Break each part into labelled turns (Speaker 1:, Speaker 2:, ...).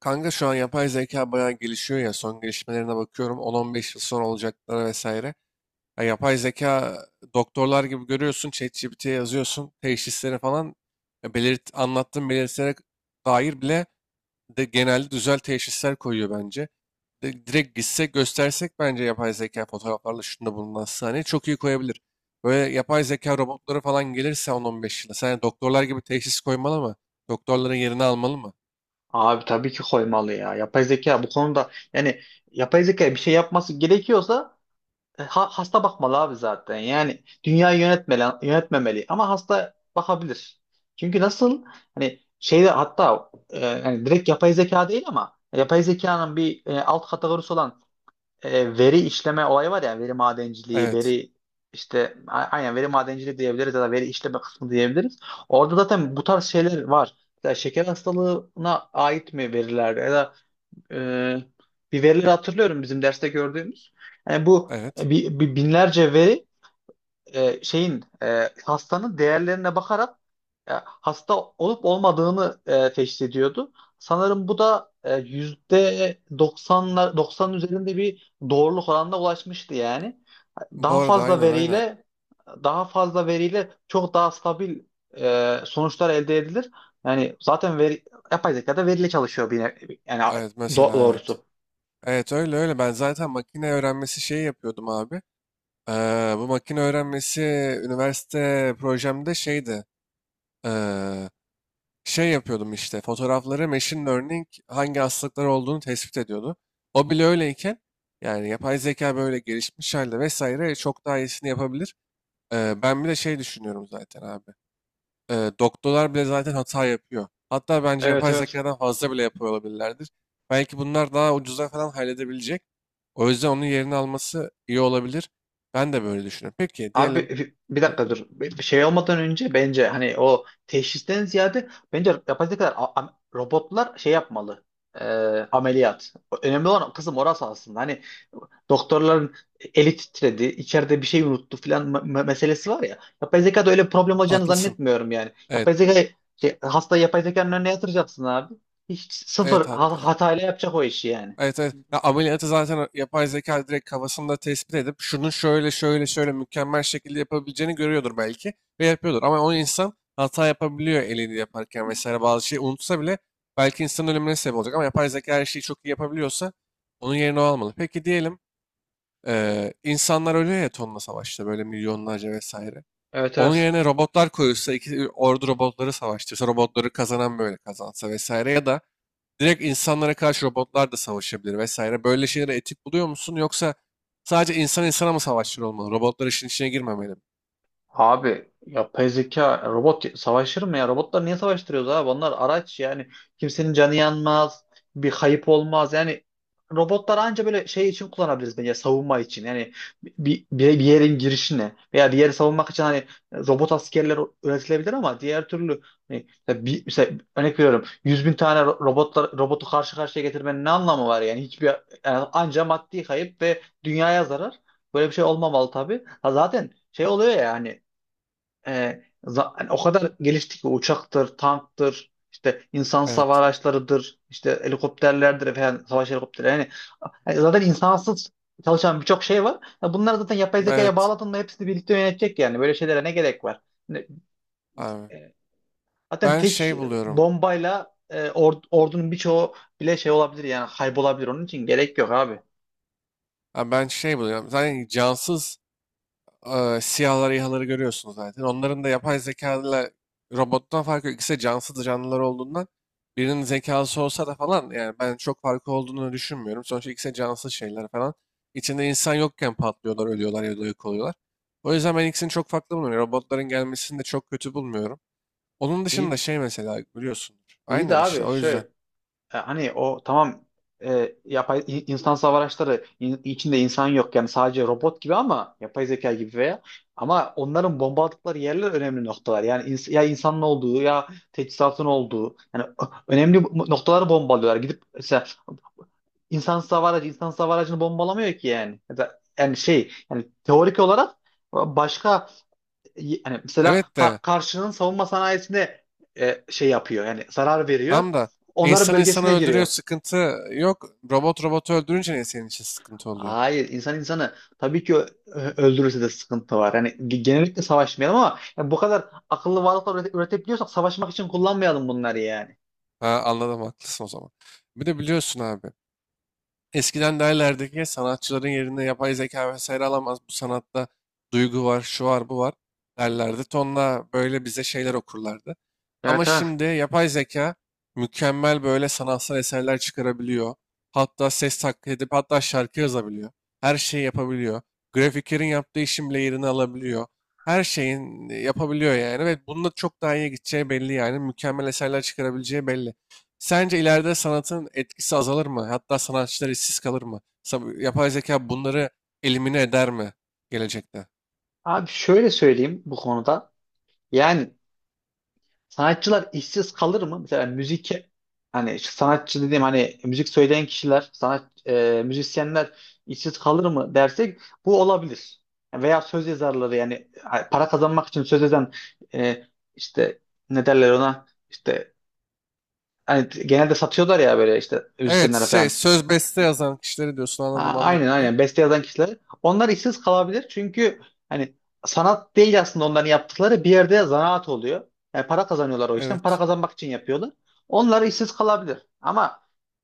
Speaker 1: Kanka şu an yapay zeka bayağı gelişiyor ya, son gelişmelerine bakıyorum, 10-15 yıl sonra olacaklara vesaire. Ya, yapay zeka doktorlar gibi görüyorsun, ChatGPT'ye yazıyorsun teşhisleri falan. Ya belirt, anlattığın belirtilere dair bile de genelde düzel teşhisler koyuyor bence. Direkt gitsek göstersek bence yapay zeka fotoğraflarla şunda bulunan sahneyi çok iyi koyabilir. Böyle yapay zeka robotları falan gelirse 10-15 yıla, sen doktorlar gibi teşhis koymalı mı? Doktorların yerini almalı mı?
Speaker 2: Abi tabii ki koymalı ya. Yapay zeka bu konuda, yani yapay zeka bir şey yapması gerekiyorsa hasta bakmalı abi zaten. Yani dünyayı yönetmeli, yönetmemeli ama hasta bakabilir. Çünkü nasıl, hani şeyde, hatta yani direkt yapay zeka değil ama yapay zekanın bir alt kategorisi olan veri işleme olayı var ya, veri madenciliği,
Speaker 1: Evet,
Speaker 2: veri işte aynen veri madenciliği diyebiliriz ya da veri işleme kısmı diyebiliriz. Orada zaten bu tarz şeyler var. Mesela şeker hastalığına ait mi veriler, ya da e, bir verileri hatırlıyorum bizim derste gördüğümüz. Yani bu
Speaker 1: evet.
Speaker 2: binlerce veri, hastanın değerlerine bakarak hasta olup olmadığını teşhis ediyordu. Sanırım bu da yüzde 90'lar, 90 üzerinde bir doğruluk oranına ulaşmıştı yani.
Speaker 1: Bu
Speaker 2: Daha
Speaker 1: arada
Speaker 2: fazla
Speaker 1: aynen, aynen.
Speaker 2: veriyle daha fazla veriyle çok daha stabil sonuçlar elde edilir. Yani zaten veri, yapay zeka da veriyle çalışıyor bir yani
Speaker 1: Evet, mesela, evet.
Speaker 2: doğrusu.
Speaker 1: Evet, öyle öyle. Ben zaten makine öğrenmesi şeyi yapıyordum abi. Bu makine öğrenmesi üniversite projemde şeydi. Ee, Şey yapıyordum işte. Fotoğrafları machine learning hangi hastalıklar olduğunu tespit ediyordu. O bile öyleyken yani yapay zeka böyle gelişmiş halde vesaire çok daha iyisini yapabilir. Ben bir de şey düşünüyorum zaten abi. Doktorlar bile zaten hata yapıyor. Hatta bence
Speaker 2: Evet,
Speaker 1: yapay
Speaker 2: evet.
Speaker 1: zekadan fazla bile yapıyor olabilirlerdir. Belki bunlar daha ucuza falan halledebilecek. O yüzden onun yerini alması iyi olabilir. Ben de böyle düşünüyorum. Peki
Speaker 2: Abi
Speaker 1: diyelim.
Speaker 2: bir
Speaker 1: Hı,
Speaker 2: dakika dur. Bir şey olmadan önce bence, hani o teşhisten ziyade bence yapacak kadar robotlar şey yapmalı. Ee, Ameliyat. Önemli olan kısım orası aslında. Hani doktorların eli titredi, içeride bir şey unuttu filan meselesi var ya. Yapay zekada öyle bir problem olacağını
Speaker 1: haklısın.
Speaker 2: zannetmiyorum yani.
Speaker 1: Evet.
Speaker 2: Yapay zeka şey, hastayı yapay zekanın önüne yatıracaksın abi. Hiç
Speaker 1: Evet,
Speaker 2: sıfır
Speaker 1: hatta
Speaker 2: hatayla yapacak o işi yani.
Speaker 1: evet, evet. Ya, ameliyatı zaten yapay zeka direkt kafasında tespit edip şunu şöyle şöyle şöyle mükemmel şekilde yapabileceğini görüyordur belki ve yapıyordur. Ama o insan hata yapabiliyor, elini yaparken vesaire bazı şeyi unutsa bile belki insanın ölümüne sebep olacak. Ama yapay zeka her şeyi çok iyi yapabiliyorsa onun yerine o almalı. Peki diyelim, insanlar ölüyor ya tonla savaşta, böyle milyonlarca vesaire.
Speaker 2: Evet,
Speaker 1: Onun
Speaker 2: evet.
Speaker 1: yerine robotlar koyulsa, iki ordu robotları savaştırsa, robotları kazanan böyle kazansa vesaire, ya da direkt insanlara karşı robotlar da savaşabilir vesaire. Böyle şeyleri etik buluyor musun? Yoksa sadece insan insana mı savaşçılar olmalı? Robotlar işin içine girmemeli mi?
Speaker 2: Abi yapay zeka robot savaşır mı ya? Robotlar niye savaştırıyoruz abi? Onlar araç yani, kimsenin canı yanmaz, bir kayıp olmaz. Yani robotlar anca böyle şey için kullanabiliriz bence, savunma için. Yani bir yerin girişine veya bir yeri savunmak için hani robot askerler üretilebilir, ama diğer türlü hani mesela bir, mesela örnek veriyorum, 100 bin tane ro- robotlar robotu karşı karşıya getirmenin ne anlamı var yani? Hiçbir, yani anca maddi kayıp ve dünyaya zarar. Böyle bir şey olmamalı tabii. Ha, zaten şey oluyor ya hani, hani o kadar gelişti ki, uçaktır, tanktır, işte insan savar
Speaker 1: Evet.
Speaker 2: araçlarıdır, işte helikopterlerdir falan, savaş helikopterleri. Yani, zaten insansız çalışan birçok şey var. Ya bunlar zaten yapay zekaya
Speaker 1: Evet
Speaker 2: bağladın mı hepsini birlikte yönetecek yani. Böyle şeylere ne gerek var? Ne-
Speaker 1: abi.
Speaker 2: e, Zaten
Speaker 1: Ben
Speaker 2: tek
Speaker 1: şey buluyorum.
Speaker 2: bombayla ordunun birçoğu bile şey olabilir yani, kaybolabilir. Onun için gerek yok abi.
Speaker 1: Ha, ben şey buluyorum. Zaten cansız, siyahları, İHA'ları görüyorsunuz zaten. Onların da yapay zekalarla robottan farkı yok. İkisi de cansız canlılar olduğundan birinin zekası olsa da falan yani ben çok farkı olduğunu düşünmüyorum. Sonuçta ikisi de cansız şeyler falan. İçinde insan yokken patlıyorlar, ölüyorlar ya da yok oluyorlar. O yüzden ben ikisini çok farklı bulmuyorum. Yani robotların gelmesini de çok kötü bulmuyorum. Onun dışında
Speaker 2: İyi,
Speaker 1: şey, mesela biliyorsundur.
Speaker 2: iyi de
Speaker 1: Aynen işte,
Speaker 2: abi
Speaker 1: o yüzden.
Speaker 2: şöyle. Hani o tamam, yapay insan savaş araçları içinde insan yok yani, sadece robot gibi, ama yapay zeka gibi veya, ama onların bomba attıkları yerler önemli noktalar. Yani ya insanın olduğu ya teçhizatın olduğu, yani önemli noktaları bombalıyorlar. Gidip mesela insan hava aracı, insan hava aracını bombalamıyor ki yani. Ya da yani şey, yani teorik olarak başka, yani mesela
Speaker 1: Evet de
Speaker 2: karşının savunma sanayisine şey yapıyor, yani zarar veriyor.
Speaker 1: tam da
Speaker 2: Onların
Speaker 1: insan insanı
Speaker 2: bölgesine
Speaker 1: öldürüyor,
Speaker 2: giriyor.
Speaker 1: sıkıntı yok. Robot robotu öldürünce ne senin için sıkıntı oluyor?
Speaker 2: Hayır, insan insanı tabii ki öldürürse de sıkıntı var. Yani genellikle savaşmayalım, ama yani bu kadar akıllı varlıklar üretebiliyorsak savaşmak için kullanmayalım bunları yani.
Speaker 1: Ha, anladım, haklısın o zaman. Bir de biliyorsun abi. Eskiden derlerdi ki sanatçıların yerine yapay zeka vesaire alamaz. Bu sanatta duygu var, şu var, bu var derlerdi. Tonla böyle bize şeyler okurlardı. Ama
Speaker 2: Evet, evet.
Speaker 1: şimdi yapay zeka mükemmel böyle sanatsal eserler çıkarabiliyor. Hatta ses taklit edip hatta şarkı yazabiliyor. Her şeyi yapabiliyor. Grafiklerin yaptığı işin bile yerini alabiliyor. Her şeyin yapabiliyor yani ve bununla çok daha iyiye gideceği belli yani. Mükemmel eserler çıkarabileceği belli. Sence ileride sanatın etkisi azalır mı? Hatta sanatçılar işsiz kalır mı? Yapay zeka bunları elimine eder mi gelecekte?
Speaker 2: Abi şöyle söyleyeyim bu konuda. Yani, sanatçılar işsiz kalır mı? Mesela müzik, hani şu sanatçı dediğim hani müzik söyleyen kişiler, müzisyenler işsiz kalır mı dersek, bu olabilir. Veya söz yazarları, yani para kazanmak için söz yazan, e, işte, ne derler ona? İşte, hani genelde satıyorlar ya, böyle işte
Speaker 1: Evet,
Speaker 2: müzisyenlere
Speaker 1: şey,
Speaker 2: falan.
Speaker 1: söz beste yazan kişileri diyorsun, anladım
Speaker 2: Aynen,
Speaker 1: anladım ya.
Speaker 2: aynen, beste yazan kişilere. Onlar işsiz kalabilir çünkü, hani sanat değil aslında onların yaptıkları, bir yerde zanaat oluyor. Yani para kazanıyorlar o işten. Para
Speaker 1: Evet.
Speaker 2: kazanmak için yapıyorlar. Onlar işsiz kalabilir. Ama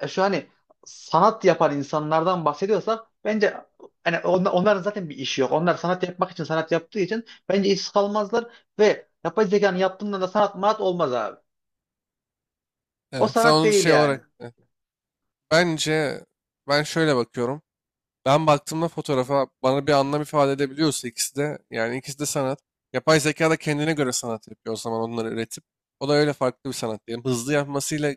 Speaker 2: şu, hani sanat yapan insanlardan bahsediyorsak bence, hani onların zaten bir işi yok. Onlar sanat yapmak için sanat yaptığı için bence işsiz kalmazlar, ve yapay zekanın yaptığında da sanat manat olmaz abi. O
Speaker 1: Evet. Sen
Speaker 2: sanat
Speaker 1: onu
Speaker 2: değil
Speaker 1: şey
Speaker 2: yani.
Speaker 1: olarak, bence ben şöyle bakıyorum. Ben baktığımda fotoğrafa bana bir anlam ifade edebiliyorsa ikisi de, yani ikisi de sanat. Yapay zeka da kendine göre sanat yapıyor o zaman onları üretip. O da öyle farklı bir sanat diyelim. Hızlı yapmasıyla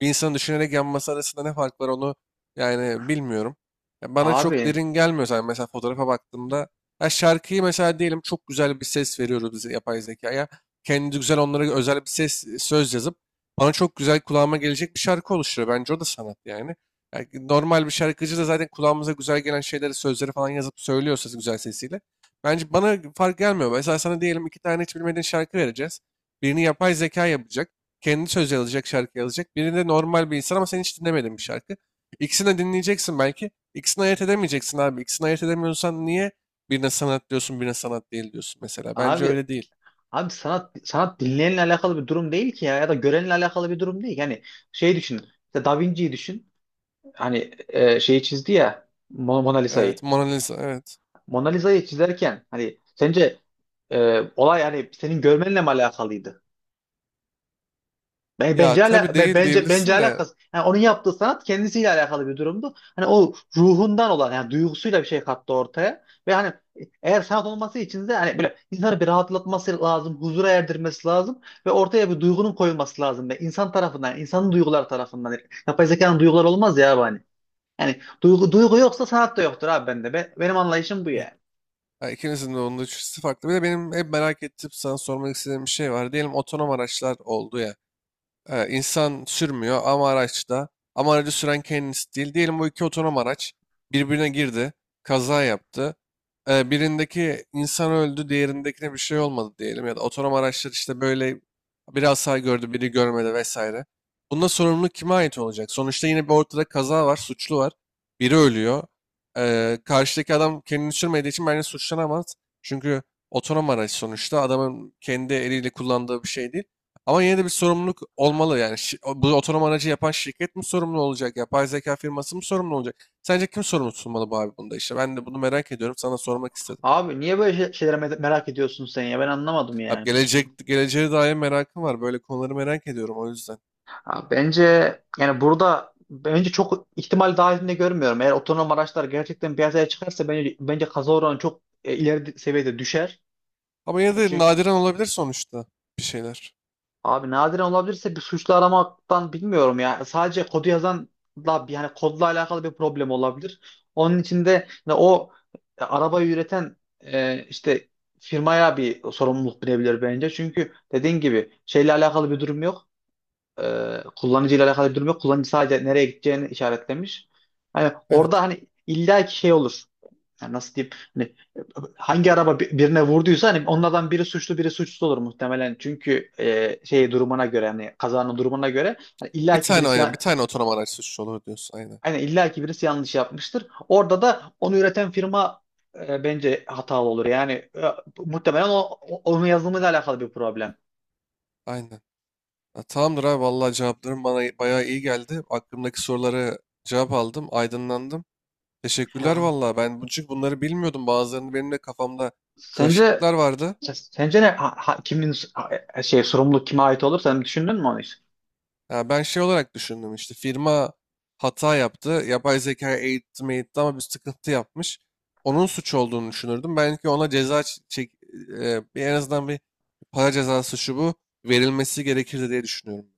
Speaker 1: bir insanın düşünerek yapması arasında ne fark var, onu yani bilmiyorum. Ya bana çok
Speaker 2: Abi,
Speaker 1: derin gelmiyor zaten, mesela fotoğrafa baktığımda. Ya şarkıyı mesela diyelim, çok güzel bir ses veriyoruz biz yapay zekaya. Kendi güzel onlara özel bir ses, söz yazıp bana çok güzel kulağıma gelecek bir şarkı oluşturuyor. Bence o da sanat yani. Yani normal bir şarkıcı da zaten kulağımıza güzel gelen şeyleri, sözleri falan yazıp söylüyorsa güzel sesiyle. Bence bana fark gelmiyor. Mesela sana diyelim, iki tane hiç bilmediğin şarkı vereceğiz. Birini yapay zeka yapacak. Kendi söz yazacak, şarkı yazacak. Birini de normal bir insan, ama sen hiç dinlemedin bir şarkı. İkisini de dinleyeceksin belki. İkisini ayırt edemeyeceksin abi. İkisini ayırt edemiyorsan niye birine sanat diyorsun, birine sanat değil diyorsun mesela. Bence
Speaker 2: abi
Speaker 1: öyle değil.
Speaker 2: Abi, sanat dinleyenle alakalı bir durum değil ki ya, ya da görenle alakalı bir durum değil. Yani şey düşün, işte Da Vinci'yi düşün. Hani şeyi çizdi ya, Mona
Speaker 1: Evet,
Speaker 2: Lisa'yı.
Speaker 1: Mona Lisa, evet.
Speaker 2: Mona Lisa'yı çizerken hani sence olay hani senin görmenle mi alakalıydı? Ben-
Speaker 1: Ya
Speaker 2: Bence
Speaker 1: tabii,
Speaker 2: ala, be-
Speaker 1: değil
Speaker 2: bence bence
Speaker 1: diyebilirsin de
Speaker 2: alakası. Yani onun yaptığı sanat kendisiyle alakalı bir durumdu. Hani o ruhundan olan, yani duygusuyla bir şey kattı ortaya. Ve hani, eğer sanat olması için de hani böyle insanı bir rahatlatması lazım, huzura erdirmesi lazım, ve ortaya bir duygunun koyulması lazım, ve insan tarafından, insanın duyguları tarafından. Yani yapay zekanın duyguları olmaz ya abi hani. Yani duygu yoksa sanat da yoktur abi bende. Benim anlayışım bu
Speaker 1: evet.
Speaker 2: yani.
Speaker 1: Ha, ikinizin de, onun da üçüncüsü farklı. Bir de benim hep merak ettim, sana sormak istediğim bir şey var. Diyelim otonom araçlar oldu ya. İnsan sürmüyor ama araçta. Ama aracı süren kendisi değil. Diyelim bu iki otonom araç birbirine girdi. Kaza yaptı. Birindeki insan öldü, diğerindekine bir şey olmadı diyelim. Ya da otonom araçlar işte böyle bir hasar gördü, biri görmedi vesaire. Bunda sorumluluk kime ait olacak? Sonuçta yine bir ortada kaza var, suçlu var. Biri ölüyor. Karşıdaki adam kendini sürmediği için bence suçlanamaz. Çünkü otonom araç sonuçta adamın kendi eliyle kullandığı bir şey değil. Ama yine de bir sorumluluk olmalı yani. Bu otonom aracı yapan şirket mi sorumlu olacak? Yapay zeka firması mı sorumlu olacak? Sence kim sorumlu tutulmalı bu abi, bunda işte? Ben de bunu merak ediyorum. Sana sormak istedim.
Speaker 2: Abi niye böyle şeylere merak ediyorsun sen ya? Ben anlamadım
Speaker 1: Abi
Speaker 2: yani.
Speaker 1: gelecek, geleceğe dair merakım var. Böyle konuları merak ediyorum o yüzden.
Speaker 2: Ha, bence, yani burada bence çok ihtimal dahilinde görmüyorum. Eğer otonom araçlar gerçekten piyasaya çıkarsa bence kaza oranı çok ileri seviyede düşer.
Speaker 1: Ama yine
Speaker 2: Yani
Speaker 1: de
Speaker 2: çünkü
Speaker 1: nadiren olabilir sonuçta bir şeyler.
Speaker 2: abi, nadiren olabilirse bir suçlu aramaktan bilmiyorum ya. Sadece kodu yazan da, yani kodla alakalı bir problem olabilir. Onun için de yani o, arabayı üreten işte firmaya bir sorumluluk binebilir bence. Çünkü dediğin gibi şeyle alakalı bir durum yok. Kullanıcıyla alakalı bir durum yok. Kullanıcı sadece nereye gideceğini işaretlemiş. Hani orada
Speaker 1: Evet.
Speaker 2: hani illaki şey olur. Yani nasıl diyeyim? Hani hangi araba birine vurduysa, hani onlardan biri suçlu biri suçsuz olur muhtemelen. Çünkü şey durumuna göre hani, kazanın durumuna göre, hani
Speaker 1: Bir
Speaker 2: illaki
Speaker 1: tane
Speaker 2: birisi
Speaker 1: aynen. Bir tane otonom araç suçlu olur diyorsun. Aynen.
Speaker 2: aynen, illaki birisi yanlış yapmıştır. Orada da onu üreten firma bence hatalı olur. Yani muhtemelen onun yazılımıyla alakalı bir problem.
Speaker 1: Aynen. Ha, tamamdır abi. Vallahi cevapların bana bayağı iyi geldi. Aklımdaki soruları cevap aldım. Aydınlandım. Teşekkürler
Speaker 2: Ya.
Speaker 1: valla. Ben bu- çünkü bunları bilmiyordum. Bazılarını benim de kafamda
Speaker 2: Sence
Speaker 1: karışıklıklar vardı.
Speaker 2: Sence ne kimin şey, sorumluluk kime ait olur? Sen düşündün mü onu hiç?
Speaker 1: Ya ben şey olarak düşündüm, işte firma hata yaptı. Yapay zekaya eğitti meğitti ama bir sıkıntı yapmış. Onun suç olduğunu düşünürdüm. Belki ona ceza çek, e, bir en azından bir para cezası şu bu verilmesi gerekirdi diye düşünüyorum.